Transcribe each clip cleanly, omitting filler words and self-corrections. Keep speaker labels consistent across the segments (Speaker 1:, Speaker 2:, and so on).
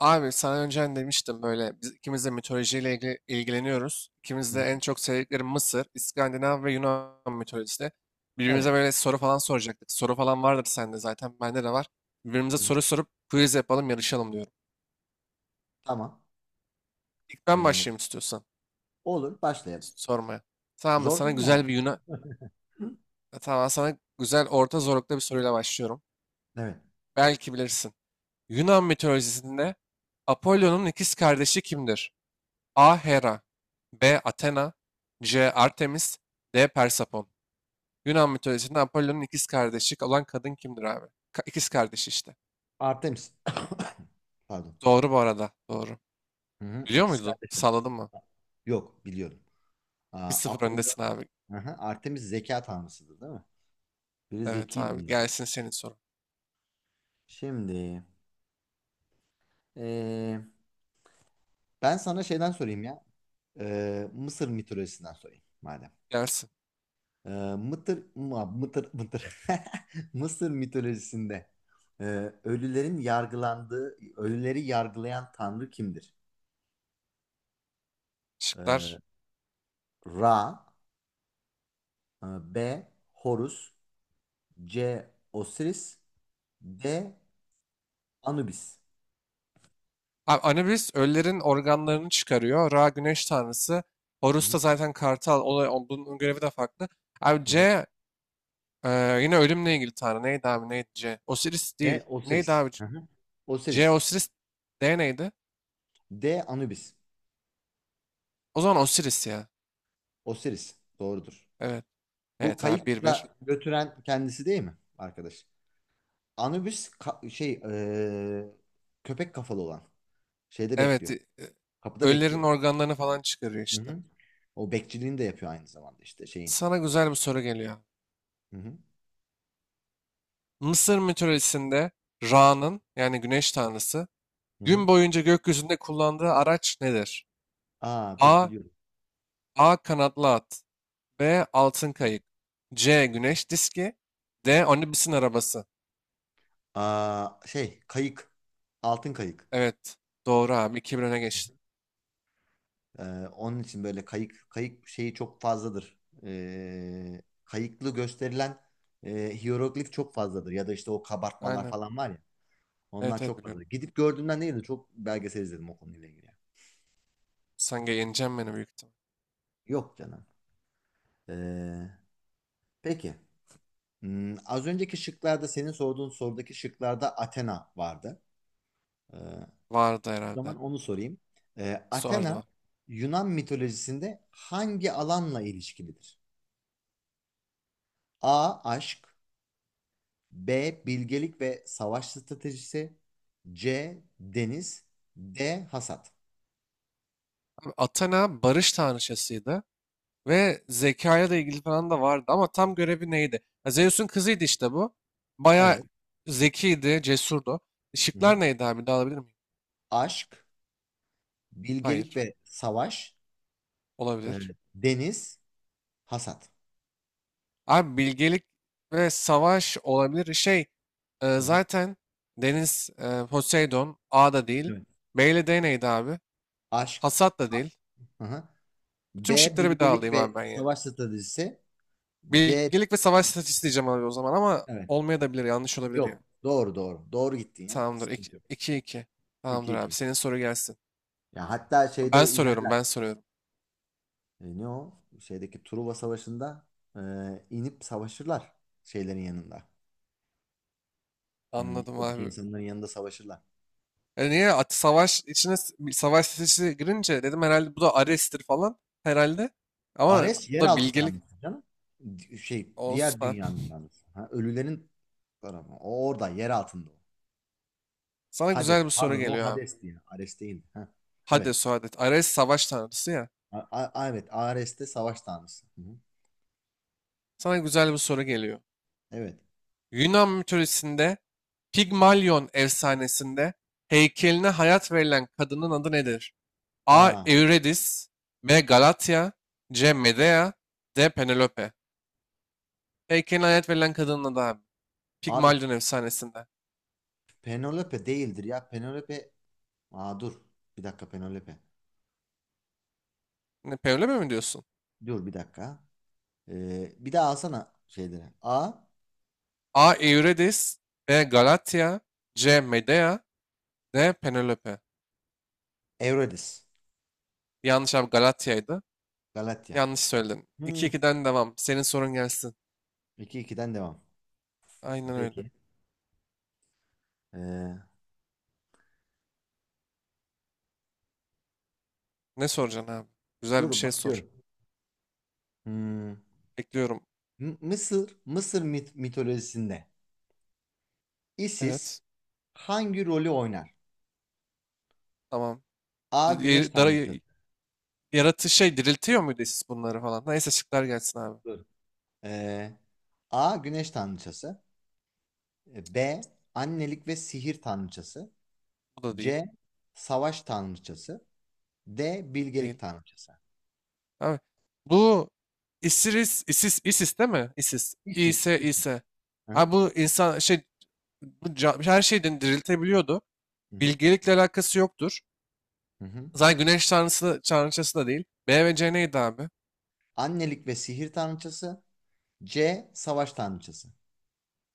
Speaker 1: Abi sana önceden demiştim böyle biz ikimiz de mitolojiyle ilgileniyoruz. İkimiz
Speaker 2: Hı
Speaker 1: de
Speaker 2: hı.
Speaker 1: en çok sevdikleri Mısır, İskandinav ve Yunan mitolojisi. Birbirimize
Speaker 2: Evet.
Speaker 1: böyle soru falan soracaktık. Soru falan vardır sende zaten, bende de var. Birbirimize
Speaker 2: Hı hı.
Speaker 1: soru sorup quiz yapalım, yarışalım diyorum.
Speaker 2: Tamam.
Speaker 1: İlk ben
Speaker 2: Ee,
Speaker 1: başlayayım istiyorsan
Speaker 2: olur. Başlayalım.
Speaker 1: sormaya. Tamam da
Speaker 2: Zor
Speaker 1: sana
Speaker 2: değil mi ama?
Speaker 1: güzel bir Yunan. Tamam sana güzel orta zorlukta bir soruyla başlıyorum.
Speaker 2: Evet.
Speaker 1: Belki bilirsin. Yunan mitolojisinde Apollo'nun ikiz kardeşi kimdir? A. Hera, B. Athena, C. Artemis, D. Persefon. Yunan mitolojisinde Apollon'un ikiz kardeşi olan kadın kimdir abi? İkiz kardeşi işte.
Speaker 2: Artemis. Pardon.
Speaker 1: Doğru bu arada. Doğru.
Speaker 2: Hı hı.
Speaker 1: Biliyor
Speaker 2: İkiz
Speaker 1: muydun?
Speaker 2: kardeşim.
Speaker 1: Salladın mı?
Speaker 2: Yok biliyorum. Aa,
Speaker 1: Bir sıfır
Speaker 2: Apollo.
Speaker 1: öndesin abi.
Speaker 2: Hı hı. Artemis zeka tanrısıdır değil mi? Biri
Speaker 1: Evet
Speaker 2: zekiydi
Speaker 1: abi.
Speaker 2: bunların.
Speaker 1: Gelsin senin sorun.
Speaker 2: Şimdi ee, ben sana şeyden sorayım ya. Mısır mitolojisinden sorayım madem.
Speaker 1: Gelsin.
Speaker 2: Ee, Mıtır. Mısır mitolojisinde e, ölülerin yargılandığı, ölüleri yargılayan tanrı kimdir? Ee,
Speaker 1: Şıklar.
Speaker 2: Ra, e, B. Horus, C. Osiris, D. Anubis.
Speaker 1: Abi Anubis ölülerin organlarını çıkarıyor. Ra güneş tanrısı.
Speaker 2: Hı
Speaker 1: Horus da
Speaker 2: hı,
Speaker 1: zaten kartal. Olay, bunun görevi de farklı. Abi
Speaker 2: hı hı.
Speaker 1: C, e, yine ölümle ilgili tanrı. Neydi abi? Neydi C? Osiris değil.
Speaker 2: D.
Speaker 1: Neydi
Speaker 2: Osiris.
Speaker 1: abi?
Speaker 2: Hı hı.
Speaker 1: J
Speaker 2: Osiris.
Speaker 1: Osiris, D neydi?
Speaker 2: D. Anubis.
Speaker 1: O zaman Osiris ya.
Speaker 2: Osiris. Doğrudur.
Speaker 1: Evet.
Speaker 2: Bu
Speaker 1: Evet abi, bir bir,
Speaker 2: kayıkla götüren kendisi değil mi arkadaş? Anubis köpek kafalı olan. Şeyde
Speaker 1: Evet.
Speaker 2: bekliyor. Kapıda
Speaker 1: Ölülerin
Speaker 2: bekliyor.
Speaker 1: organlarını falan çıkarıyor
Speaker 2: Hı
Speaker 1: işte.
Speaker 2: hı. O bekçiliğini de yapıyor aynı zamanda işte şeyin.
Speaker 1: Sana güzel bir soru geliyor.
Speaker 2: Hı hı.
Speaker 1: Mısır mitolojisinde Ra'nın, yani güneş tanrısı,
Speaker 2: Hı hı.
Speaker 1: gün boyunca gökyüzünde kullandığı araç nedir?
Speaker 2: Aa, dur
Speaker 1: A.
Speaker 2: biliyorum.
Speaker 1: A. Kanatlı at. B. Altın
Speaker 2: Değil.
Speaker 1: kayık. C. Güneş diski. D. Anubis'in arabası.
Speaker 2: Aa, şey kayık. Altın kayık.
Speaker 1: Evet. Doğru abi. 2-1 öne geçtin.
Speaker 2: Onun için böyle kayık kayık şeyi çok fazladır. Kayıklı gösterilen hiyeroglif çok fazladır. Ya da işte o kabartmalar
Speaker 1: Aynen.
Speaker 2: falan var ya. Onlar
Speaker 1: Evet evet
Speaker 2: çok fazladır.
Speaker 1: biliyorum.
Speaker 2: Gidip gördüğümden değil de çok belgesel izledim o konuyla ilgili.
Speaker 1: Sen yeneceksin beni büyük ihtimal.
Speaker 2: Yok canım. Ee, peki. Az önceki şıklarda senin sorduğun sorudaki şıklarda Athena vardı. O
Speaker 1: Vardı
Speaker 2: zaman
Speaker 1: herhalde.
Speaker 2: onu sorayım. Athena
Speaker 1: Sordular.
Speaker 2: Yunan mitolojisinde hangi alanla ilişkilidir? A. Aşk. B. Bilgelik ve savaş stratejisi. C. Deniz. D. Hasat.
Speaker 1: Abi Athena barış tanrıçasıydı ve zekayla da ilgili falan da vardı ama tam görevi neydi? Ha, Zeus'un kızıydı işte bu. Bayağı
Speaker 2: Evet.
Speaker 1: zekiydi, cesurdu.
Speaker 2: Hı
Speaker 1: Işıklar
Speaker 2: hı.
Speaker 1: neydi abi? Bir daha alabilir miyim?
Speaker 2: Aşk, bilgelik
Speaker 1: Hayır.
Speaker 2: ve savaş, e,
Speaker 1: Olabilir.
Speaker 2: deniz, hasat.
Speaker 1: Abi bilgelik ve savaş olabilir. Şey
Speaker 2: Hı hı.
Speaker 1: zaten deniz, Poseidon, A da değil.
Speaker 2: Evet.
Speaker 1: B ile D neydi abi?
Speaker 2: Aşk.
Speaker 1: Hasat da değil.
Speaker 2: Hı hı.
Speaker 1: Bütün
Speaker 2: B.
Speaker 1: şıkları bir daha
Speaker 2: Bilgelik
Speaker 1: alayım abi
Speaker 2: ve
Speaker 1: ben ya.
Speaker 2: savaş stratejisi. C.
Speaker 1: Bilgelik ve savaş stratejisi diyeceğim abi o zaman ama
Speaker 2: Evet.
Speaker 1: olmayabilir, yanlış olabilir
Speaker 2: Yok.
Speaker 1: ya.
Speaker 2: Doğru doğru. Doğru gittin ya.
Speaker 1: Tamamdır.
Speaker 2: Sıkıntı yok.
Speaker 1: İki iki.
Speaker 2: İki
Speaker 1: Tamamdır
Speaker 2: iki.
Speaker 1: abi. Senin soru gelsin.
Speaker 2: Ya hatta
Speaker 1: Ben
Speaker 2: şeyde
Speaker 1: soruyorum,
Speaker 2: inerler.
Speaker 1: ben soruyorum.
Speaker 2: Ne o? Şeydeki Truva Savaşı'nda e, inip savaşırlar şeylerin yanında. Hmm,
Speaker 1: Anladım
Speaker 2: oradaki
Speaker 1: abi.
Speaker 2: insanların yanında savaşırlar.
Speaker 1: E niye at savaş bir savaş sesi girince dedim herhalde bu da Ares'tir falan herhalde. Ama
Speaker 2: Ares
Speaker 1: bu da
Speaker 2: yeraltı
Speaker 1: bilgelik
Speaker 2: tanrısı canım.
Speaker 1: olsun
Speaker 2: Diğer
Speaker 1: abi.
Speaker 2: dünyanın tanrısı. Ha, ölülerin tarafı. O orada yer altında o.
Speaker 1: Sana güzel
Speaker 2: Hades.
Speaker 1: bir soru
Speaker 2: Pardon o
Speaker 1: geliyor abi.
Speaker 2: Hades diye. Ares değil. Ha, evet.
Speaker 1: Hades o Hades. Ares savaş tanrısı ya.
Speaker 2: Evet, Ares'te savaş tanrısı. Hı hı.
Speaker 1: Sana güzel bir soru geliyor.
Speaker 2: Evet.
Speaker 1: Yunan mitolojisinde Pigmalion efsanesinde heykeline hayat verilen kadının adı nedir? A.
Speaker 2: Aa,
Speaker 1: Eurydice, B. Galatya, C. Medea, D. Penelope. Heykelin hayat verilen kadının adı abi.
Speaker 2: abi,
Speaker 1: Pigmalion efsanesinde.
Speaker 2: Penelope değildir ya. Penelope. Aa, dur. Bir dakika Penelope.
Speaker 1: Ne, Penelope mi diyorsun?
Speaker 2: Dur bir dakika. Bir daha alsana şeyleri. A.
Speaker 1: A. Eurydice, B. Galatya, C. Medea, D. Penelope.
Speaker 2: Eurydice.
Speaker 1: Yanlış abi, Galatya'ydı.
Speaker 2: Galatya.
Speaker 1: Yanlış söyledin.
Speaker 2: Hmm.
Speaker 1: 2 ikiden devam. Senin sorun gelsin.
Speaker 2: 2-2'den devam.
Speaker 1: Aynen öyle.
Speaker 2: Peki. Ee,
Speaker 1: Ne soracaksın abi? Güzel bir
Speaker 2: dur
Speaker 1: şey sor.
Speaker 2: bakıyorum. Hmm.
Speaker 1: Bekliyorum.
Speaker 2: Mısır mitolojisinde Isis
Speaker 1: Evet.
Speaker 2: hangi rolü oynar?
Speaker 1: Tamam.
Speaker 2: A. Güneş tanrıçası.
Speaker 1: Yaratı şey diriltiyor muydu siz bunları falan? Neyse şıklar gelsin abi.
Speaker 2: Dur. Ee, A. Güneş tanrıçası. B. Annelik ve sihir tanrıçası.
Speaker 1: Bu da değil.
Speaker 2: C. Savaş tanrıçası. D.
Speaker 1: Değil.
Speaker 2: Bilgelik tanrıçası.
Speaker 1: Abi, bu ISIS, ISIS, ISIS değil mi? ISIS.
Speaker 2: İsis.
Speaker 1: İse,
Speaker 2: İsis.
Speaker 1: İse.
Speaker 2: Hı hı.
Speaker 1: Abi bu insan şey, her şeyden diriltebiliyordu.
Speaker 2: Hı hı.
Speaker 1: Bilgelikle alakası yoktur.
Speaker 2: Hı hı.
Speaker 1: Zaten güneş tanrıçası da değil. B ve C neydi abi?
Speaker 2: Annelik ve sihir tanrıçası. C. Savaş tanrıçası.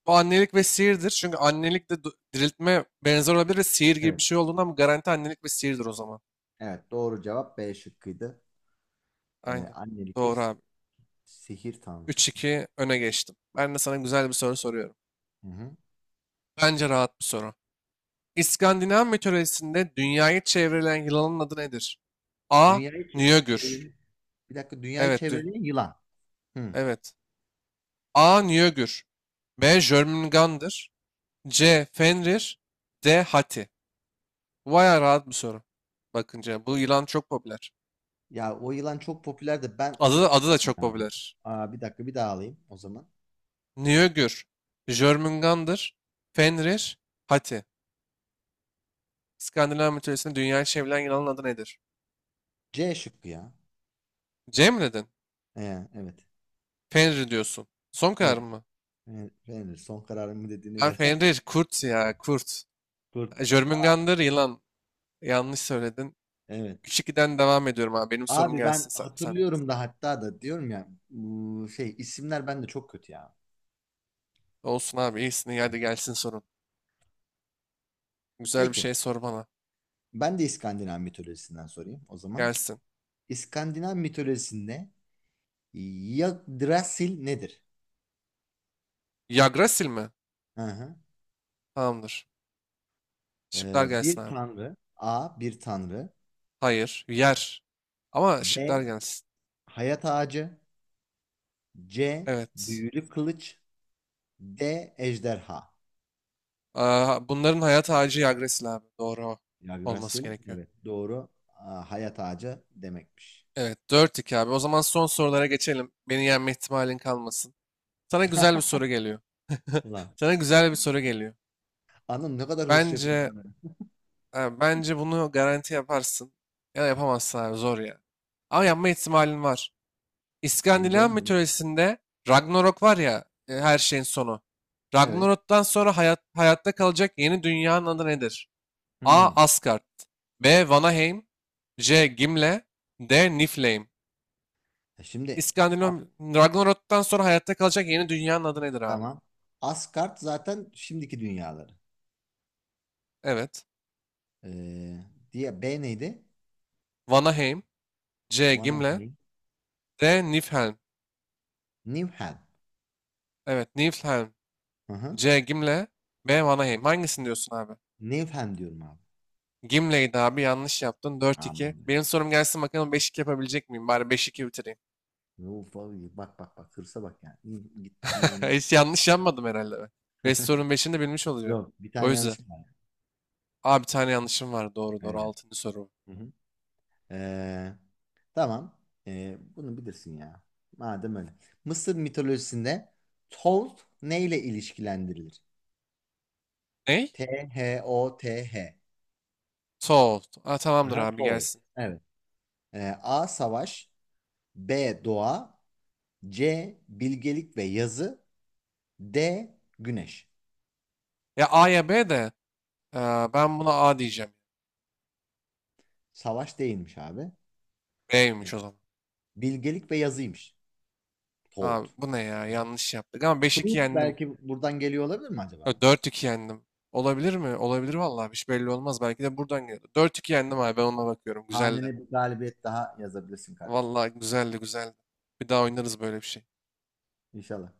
Speaker 1: Bu annelik ve sihirdir. Çünkü annelik de diriltme benzer olabilir ve sihir gibi
Speaker 2: Evet.
Speaker 1: bir şey olduğundan bu garanti annelik ve sihirdir o zaman.
Speaker 2: Evet. Doğru cevap B şıkkıydı. Ee,
Speaker 1: Aynen.
Speaker 2: annelik ve
Speaker 1: Doğru abi.
Speaker 2: sihir
Speaker 1: Üç
Speaker 2: tanrıçası.
Speaker 1: iki öne geçtim. Ben de sana güzel bir soru soruyorum.
Speaker 2: Hı hı.
Speaker 1: Bence rahat bir soru. İskandinav mitolojisinde dünyayı çevreleyen yılanın adı nedir? A.
Speaker 2: Dünyayı
Speaker 1: Njögür.
Speaker 2: çeviren, bir dakika dünyayı
Speaker 1: Evet,
Speaker 2: çeviren yılan. Hı.
Speaker 1: evet. A. Njögür. B. Jörmungandr. C. Fenrir. D. Hati. Bu bayağı rahat bir soru. Bakınca bu yılan çok popüler.
Speaker 2: Ya o yılan çok popüler de ben unuttum
Speaker 1: Adı da çok
Speaker 2: ya.
Speaker 1: popüler.
Speaker 2: Aa, bir dakika bir daha alayım o zaman.
Speaker 1: Njögür. Jörmungandr. Fenrir. Hati. İskandinav mitolojisinde dünyayı çevrilen yılanın adı nedir?
Speaker 2: C şıkkı ya.
Speaker 1: C mi dedin?
Speaker 2: Evet.
Speaker 1: Fenrir diyorsun. Son karar
Speaker 2: Evet.
Speaker 1: mı?
Speaker 2: Evet. Beğenir. Son kararımı dediğine
Speaker 1: Ben
Speaker 2: göre.
Speaker 1: Fenrir. Kurt ya. Kurt.
Speaker 2: Kurt.
Speaker 1: Jörmungandr yılan. Yanlış söyledin.
Speaker 2: Evet.
Speaker 1: 3-2'den devam ediyorum abi. Benim sorum
Speaker 2: Abi
Speaker 1: gelsin
Speaker 2: ben
Speaker 1: sen.
Speaker 2: hatırlıyorum da hatta da diyorum ya bu şey isimler bende çok kötü ya.
Speaker 1: Olsun abi iyisin. İyi,
Speaker 2: Hı
Speaker 1: hadi
Speaker 2: hı.
Speaker 1: gelsin sorun. Güzel bir
Speaker 2: Peki,
Speaker 1: şey sor bana.
Speaker 2: ben de İskandinav mitolojisinden sorayım o zaman.
Speaker 1: Gelsin.
Speaker 2: İskandinav mitolojisinde Yggdrasil nedir?
Speaker 1: Yggdrasil mi?
Speaker 2: Hı hı.
Speaker 1: Tamamdır.
Speaker 2: Ee,
Speaker 1: Şıklar gelsin
Speaker 2: bir
Speaker 1: abi.
Speaker 2: tanrı. A. Bir tanrı.
Speaker 1: Hayır. Yer. Ama şıklar
Speaker 2: B.
Speaker 1: gelsin.
Speaker 2: Hayat ağacı. C.
Speaker 1: Evet.
Speaker 2: Büyülü kılıç. D. Ejderha.
Speaker 1: Aa, bunların hayat ağacı Yggdrasil abi. Doğru o. Olması
Speaker 2: Yggdrasil
Speaker 1: gerekiyor.
Speaker 2: evet doğru. Aa, hayat ağacı demekmiş.
Speaker 1: Evet. Dört 2 abi. O zaman son sorulara geçelim. Beni yenme ihtimalin kalmasın. Sana güzel bir soru geliyor.
Speaker 2: Ulan
Speaker 1: Sana güzel bir soru geliyor.
Speaker 2: anam ne kadar hızlı yapıyor
Speaker 1: Bence,
Speaker 2: abi.
Speaker 1: ha, bence bunu garanti yaparsın. Ya da yapamazsın abi, zor ya. Ama yapma ihtimalin var.
Speaker 2: Belli
Speaker 1: İskandinav
Speaker 2: olmuyor.
Speaker 1: mitolojisinde Ragnarok var ya, her şeyin sonu.
Speaker 2: Evet.
Speaker 1: Ragnarok'tan sonra hayatta kalacak yeni dünyanın adı nedir? A.
Speaker 2: Hmm.
Speaker 1: Asgard, B. Vanaheim, C. Gimle, D. Niflheim.
Speaker 2: Şimdi A-
Speaker 1: İskandinav Ragnarok'tan sonra hayatta kalacak yeni dünyanın adı nedir abi?
Speaker 2: tamam. Asgard zaten şimdiki dünyaları.
Speaker 1: Evet.
Speaker 2: Ee, diye B neydi?
Speaker 1: Vanaheim, C. Gimle,
Speaker 2: Vanaheim.
Speaker 1: D. Niflheim.
Speaker 2: Niflheim.
Speaker 1: Evet, Niflheim.
Speaker 2: Hı hı.
Speaker 1: C. Gimle. B. Vanaheim. Hangisini diyorsun abi?
Speaker 2: Niflheim diyorum abi.
Speaker 1: Gimle'ydi abi, yanlış yaptın. Dört
Speaker 2: Aman
Speaker 1: iki.
Speaker 2: be.
Speaker 1: Benim sorum gelsin bakalım, beş iki yapabilecek miyim? Bari beş iki bitireyim.
Speaker 2: Uf, abi, bak bak bak hırsa bak yani. İyi, gitmişim bana.
Speaker 1: Hiç yanlış yapmadım herhalde ben. 5 sorunun 5'ini de bilmiş olacağım.
Speaker 2: Yok, bir
Speaker 1: O
Speaker 2: tane
Speaker 1: yüzden.
Speaker 2: yanlışım var.
Speaker 1: Abi bir tane yanlışım var. Doğru doğru.
Speaker 2: Evet.
Speaker 1: 6. soru.
Speaker 2: Hı hı. Ee, tamam. Bunu bilirsin ya. Madem öyle. Mısır mitolojisinde Thoth neyle ilişkilendirilir?
Speaker 1: Ney?
Speaker 2: Thoth.
Speaker 1: Soğut. Aa tamamdır
Speaker 2: Aha,
Speaker 1: abi
Speaker 2: Thoth.
Speaker 1: gelsin.
Speaker 2: Evet. A. Savaş. B. Doğa. C. Bilgelik ve yazı. D. Güneş.
Speaker 1: Ya A ya B de, e, ben buna A diyeceğim.
Speaker 2: Savaş değilmiş abi.
Speaker 1: B'ymiş o zaman.
Speaker 2: Bilgelik ve yazıymış. Toad.
Speaker 1: Abi bu ne ya?
Speaker 2: Hı hı.
Speaker 1: Yanlış yaptık ama beş iki
Speaker 2: Truth
Speaker 1: yendim.
Speaker 2: belki buradan geliyor olabilir mi
Speaker 1: Ya
Speaker 2: acaba?
Speaker 1: 4-2 yendim. Olabilir mi? Olabilir vallahi. Hiç belli olmaz. Belki de buradan geliyor. Dört iki yendim abi. Ben ona bakıyorum. Güzeldi.
Speaker 2: Hanene bir galibiyet daha yazabilirsin kardeşim.
Speaker 1: Vallahi güzeldi güzeldi. Bir daha oynarız böyle bir şey.
Speaker 2: İnşallah.